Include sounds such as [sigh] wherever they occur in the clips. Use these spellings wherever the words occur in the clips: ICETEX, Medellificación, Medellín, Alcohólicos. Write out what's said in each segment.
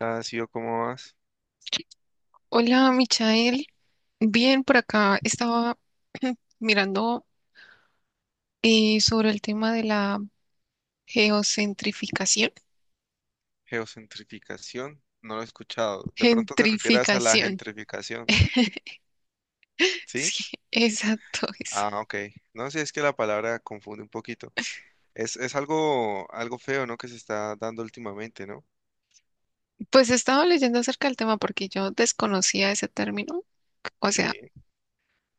Ha sido como más Hola, Michael. Bien, por acá estaba [clears throat] mirando sobre el tema de la geocentrificación. geocentrificación. No lo he escuchado. De pronto te refieras a la Gentrificación. gentrificación, ¿sí? Sí, [laughs] exacto, eso. Ah, ok. No sí, es que la palabra confunde un poquito. Es algo, feo, ¿no? Que se está dando últimamente, ¿no? Pues estaba leyendo acerca del tema porque yo desconocía ese término. O sea, Sí.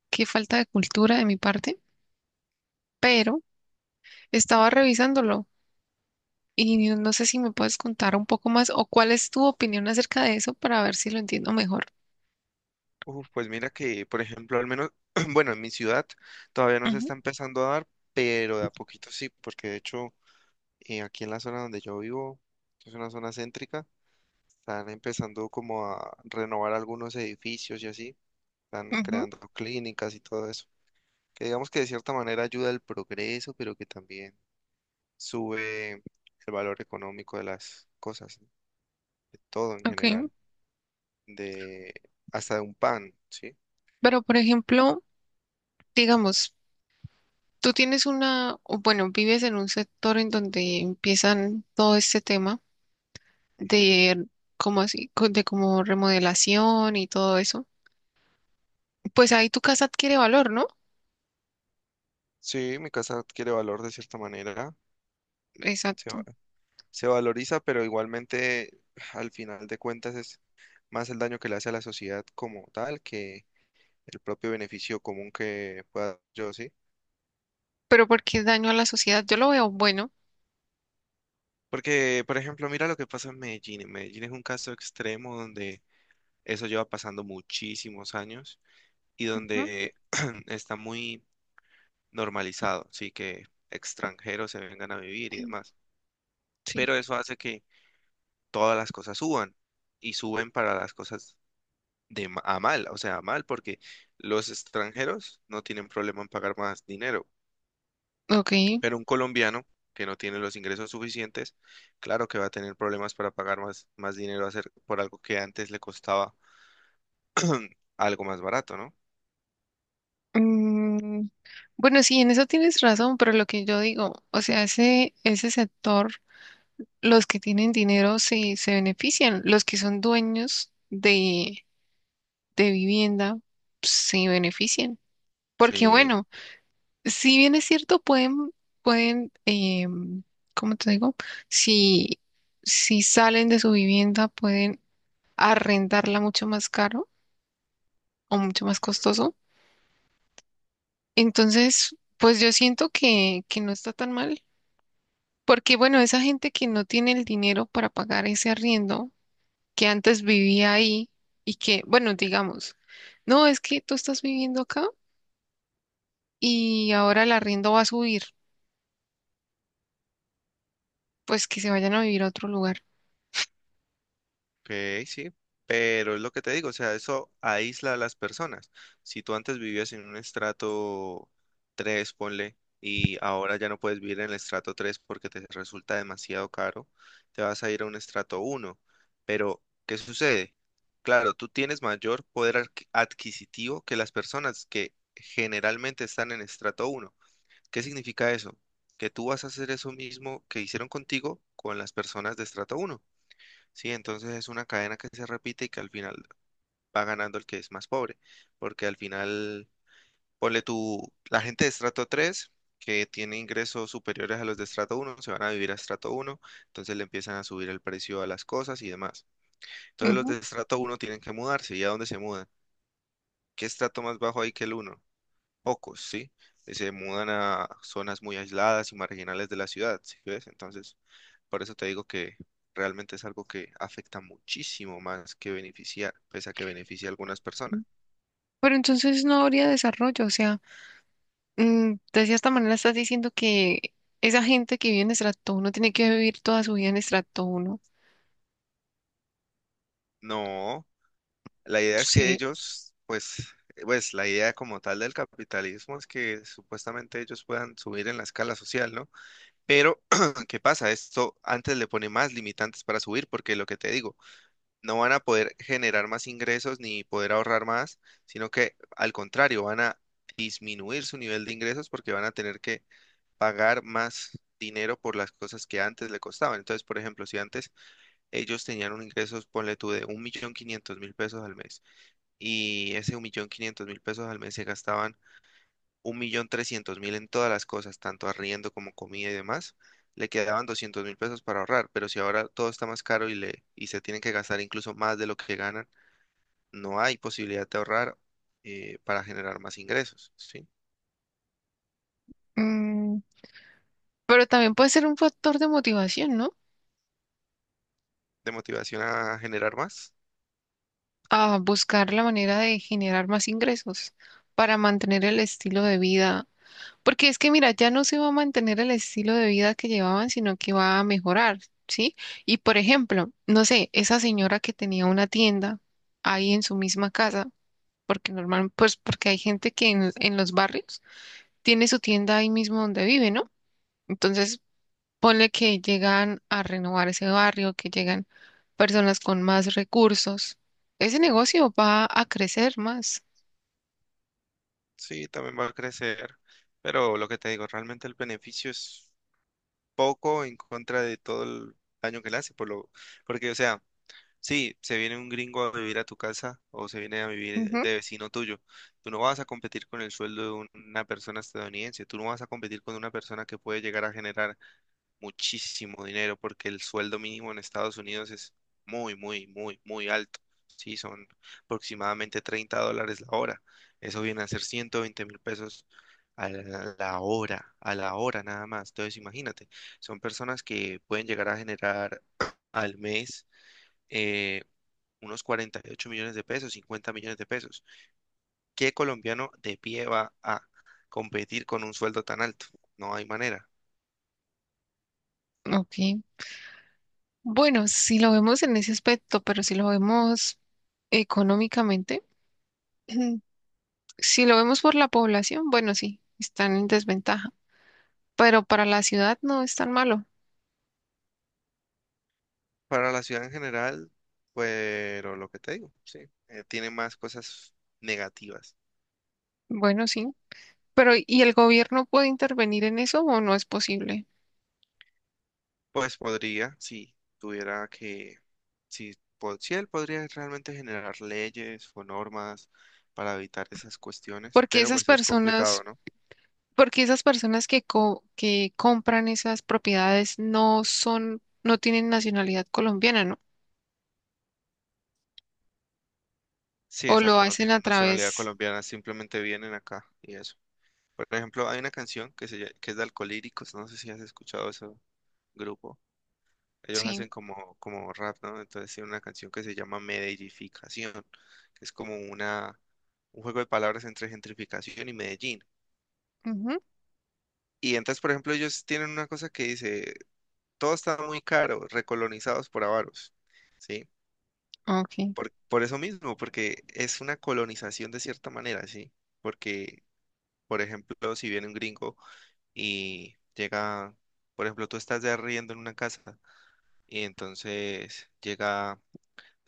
qué falta de cultura de mi parte, pero estaba revisándolo y no sé si me puedes contar un poco más o cuál es tu opinión acerca de eso para ver si lo entiendo mejor. Uf, pues mira que, por ejemplo, al menos, [clears throat] bueno, en mi ciudad todavía no se Ujú, está empezando a dar, pero de a poquito sí, porque de hecho aquí en la zona donde yo vivo, que es una zona céntrica, están empezando como a renovar algunos edificios y así. Están ujú, creando clínicas y todo eso, que digamos que de cierta manera ayuda al progreso, pero que también sube el valor económico de las cosas, ¿no? De todo en ok. general, de hasta de un pan, ¿sí? Pero, por ejemplo, digamos, tú tienes una, o bueno, vives en un sector en donde empiezan todo este tema Ujú. de como así, de como remodelación y todo eso. Pues ahí tu casa adquiere valor, ¿no? Sí, mi casa adquiere valor de cierta manera, se, va- Exacto. se valoriza, pero igualmente al final de cuentas es más el daño que le hace a la sociedad como tal que el propio beneficio común que pueda yo, ¿sí? Pero porque es daño a la sociedad, yo lo veo bueno. Porque, por ejemplo, mira lo que pasa en Medellín. En Medellín es un caso extremo donde eso lleva pasando muchísimos años y donde [clears throat] está muy normalizado, sí, que extranjeros se vengan a vivir y Ujú. demás. Sí, Pero eso hace que todas las cosas suban y suben para las cosas a mal, o sea, a mal, porque los extranjeros no tienen problema en pagar más dinero. ok. Pero un colombiano que no tiene los ingresos suficientes, claro que va a tener problemas para pagar más, dinero hacer por algo que antes le costaba algo más barato, ¿no? Mm, bueno, sí, en eso tienes razón, pero lo que yo digo, o sea, ese sector, los que tienen dinero se benefician, los que son dueños de vivienda se beneficien. Porque Sí. bueno, si bien es cierto, pueden, ¿cómo te digo? Si, si salen de su vivienda, pueden arrendarla mucho más caro o mucho más costoso. Entonces, pues yo siento que no está tan mal. Porque bueno, esa gente que no tiene el dinero para pagar ese arriendo, que antes vivía ahí y que, bueno, digamos, no, es que tú estás viviendo acá y ahora el arriendo va a subir, pues que se vayan a vivir a otro lugar. Ok, sí, pero es lo que te digo, o sea, eso aísla a las personas. Si tú antes vivías en un estrato 3, ponle, y ahora ya no puedes vivir en el estrato 3 porque te resulta demasiado caro, te vas a ir a un estrato uno. Pero, ¿qué sucede? Claro, tú tienes mayor adquisitivo que las personas que generalmente están en estrato uno. ¿Qué significa eso? Que tú vas a hacer eso mismo que hicieron contigo con las personas de estrato uno. Sí, entonces es una cadena que se repite y que al final va ganando el que es más pobre, porque al final, ponle tú, la gente de estrato 3 que tiene ingresos superiores a los de estrato uno se van a vivir a estrato uno, entonces le empiezan a subir el precio a las cosas y demás. Entonces los Ujú. de estrato uno tienen que mudarse, ¿y a dónde se mudan? ¿Qué estrato más bajo hay que el uno? Ocos, ¿sí? Y se mudan a zonas muy aisladas y marginales de la ciudad, ¿sí ves? Entonces, por eso te digo que realmente es algo que afecta muchísimo más que beneficiar, pese a que beneficia a algunas personas. Pero entonces no habría desarrollo, o sea, mm, de cierta manera estás diciendo que esa gente que vive en estrato 1 tiene que vivir toda su vida en estrato 1. No, la idea es que Sí, ellos, pues, pues la idea como tal del capitalismo es que supuestamente ellos puedan subir en la escala social, ¿no? Pero, [clears throat] ¿qué pasa? Esto antes le pone más limitantes para subir, porque lo que te digo, no van a poder generar más ingresos ni poder ahorrar más, sino que al contrario, van a disminuir su nivel de ingresos porque van a tener que pagar más dinero por las cosas que antes le costaban. Entonces, por ejemplo, si antes ellos tenían un ingreso, ponle tú, de 1.500.000 pesos al mes y ese 1.500.000 pesos al mes se gastaban 1.300.000 en todas las cosas, tanto arriendo como comida y demás. Le quedaban 200.000 pesos para ahorrar, pero si ahora todo está más caro y se tienen que gastar incluso más de lo que ganan, no hay posibilidad de ahorrar para generar más ingresos, ¿sí? mm, pero también puede ser un factor de motivación, ¿no? De motivación a generar más. A buscar la manera de generar más ingresos para mantener el estilo de vida. Porque es que, mira, ya no se va a mantener el estilo de vida que llevaban, sino que va a mejorar, ¿sí? Y por ejemplo, no sé, esa señora que tenía una tienda ahí en su misma casa, porque normal, pues porque hay gente que en los barrios tiene su tienda ahí mismo donde vive, ¿no? Entonces, ponle que llegan a renovar ese barrio, que llegan personas con más recursos. Ese Mm, negocio va a crecer más. sí, también va a crecer, pero lo que te digo, realmente el beneficio es poco en contra de todo el daño que le hace, por lo, porque, o sea, sí, se viene un gringo a vivir a tu casa o se viene a vivir Ujú, de vecino tuyo, tú no vas a competir con el sueldo de una persona estadounidense, tú no vas a competir con una persona que puede llegar a generar muchísimo dinero porque el sueldo mínimo en Estados Unidos es muy, muy, muy, muy alto. Sí, son aproximadamente 30 dólares la hora. Eso viene a ser 120.000 pesos a la hora, a la hora nada más. Entonces, imagínate, son personas que pueden llegar a generar [clears throat] al mes eh, unos 48 millones de pesos, 50 millones de pesos. ¿Qué colombiano de pie va a competir con un sueldo tan alto? No hay manera. ok. Bueno, si lo vemos en ese aspecto, pero si lo vemos económicamente, [clears throat] si lo vemos por la población, bueno, sí, están en desventaja, pero para la ciudad no es tan malo. Para la ciudad en general, pero lo que te digo, sí, tiene más cosas negativas. Bueno, sí, pero ¿y el gobierno puede intervenir en eso o no es posible? Pues podría, si tuviera que, si, si él podría realmente generar leyes o normas para evitar esas cuestiones, Porque pero esas pues es personas, complicado, ¿no? porque esas personas que que compran esas propiedades no son, no tienen nacionalidad colombiana, ¿no? Sí, O lo exacto, no hacen tienen a nacionalidad través, colombiana, simplemente vienen acá y eso. Por ejemplo, hay una canción que es de Alcolíricos, no sé si has escuchado ese grupo. Ellos hacen sí, como, como rap, ¿no? Entonces tiene una canción que se llama Medellificación, que es como una, un juego de palabras entre gentrificación y Medellín. ujú, Y entonces, por ejemplo, ellos tienen una cosa que dice, todo está muy caro, recolonizados por avaros, ¿sí? ok, Por eso mismo, porque es una colonización de cierta manera, ¿sí? Porque, por ejemplo, si viene un gringo y llega, por ejemplo, tú estás de arriendo en una casa y entonces llega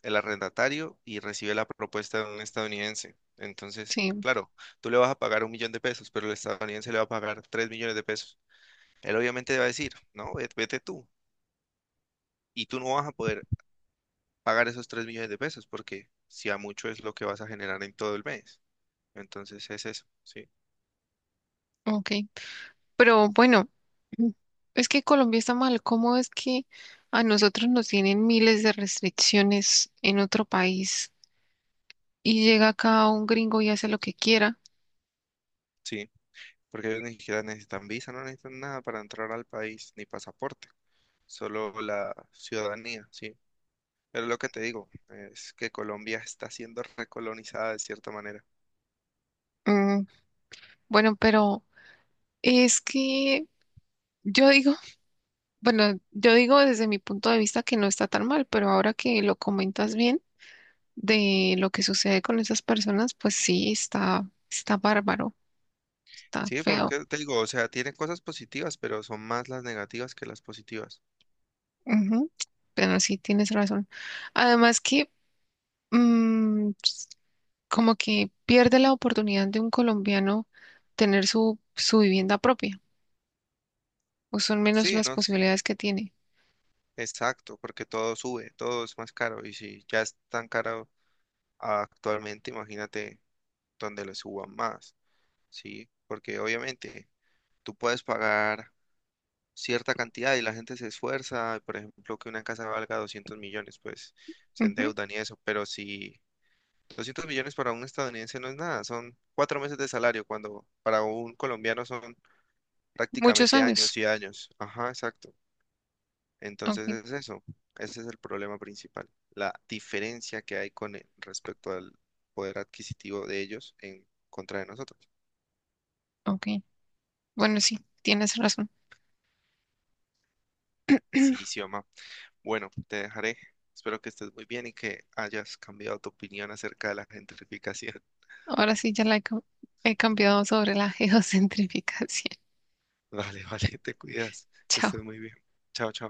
el arrendatario y recibe la propuesta de un estadounidense. Entonces, sí, claro, tú le vas a pagar 1.000.000 de pesos, pero el estadounidense le va a pagar 3.000.000 de pesos. Él obviamente va a decir, no, vete tú. Y tú no vas a poder pagar esos 3.000.000 de pesos porque si a mucho es lo que vas a generar en todo el mes. Entonces es eso, sí, ok. Pero bueno, mm, es que Colombia está mal. ¿Cómo es que a nosotros nos tienen miles de restricciones en otro país y llega acá un gringo y hace lo que quiera? sí. Porque ellos ni siquiera necesitan visa, no necesitan nada para entrar al país, ni pasaporte, solo la ciudadanía, sí. Pero lo que te digo es que Colombia está siendo recolonizada de cierta manera. Mm, bueno, pero es que yo digo, [laughs] bueno, yo digo desde mi punto de vista que no está tan mal, pero ahora que lo comentas bien de lo que sucede con esas personas, pues sí, está bárbaro, está Sí, feo. porque te digo, o sea, tiene cosas positivas, pero son más las negativas que las positivas. Ujú, pero sí, tienes razón. Además que mm, como que pierde la oportunidad de un colombiano tener su vivienda propia, o son menos Sí, las no, posibilidades que tiene. exacto, porque todo sube, todo es más caro, y si ya es tan caro actualmente, imagínate donde lo suban más, ¿sí? Porque obviamente tú puedes pagar cierta cantidad y la gente se esfuerza, por ejemplo, que una casa valga 200 millones, pues se Ujú, endeudan y eso, pero si 200 millones para un estadounidense no es nada, son 4 meses de salario, cuando para un colombiano son muchos prácticamente años años. y años. Ajá, exacto. Entonces Ok, es eso, ese es el problema principal, la diferencia que hay respecto al poder adquisitivo de ellos en contra de nosotros. ok. Bueno, sí, tienes razón. Sí, Sioma. Bueno, te dejaré. Espero que estés muy bien y que hayas cambiado tu opinión acerca de la gentrificación. Ahora sí ya he cambiado sobre la [laughs] geocentrificación. [laughs] Vale, vale, te cuidas, [laughs] que Chao. estés muy bien. Chao, chao.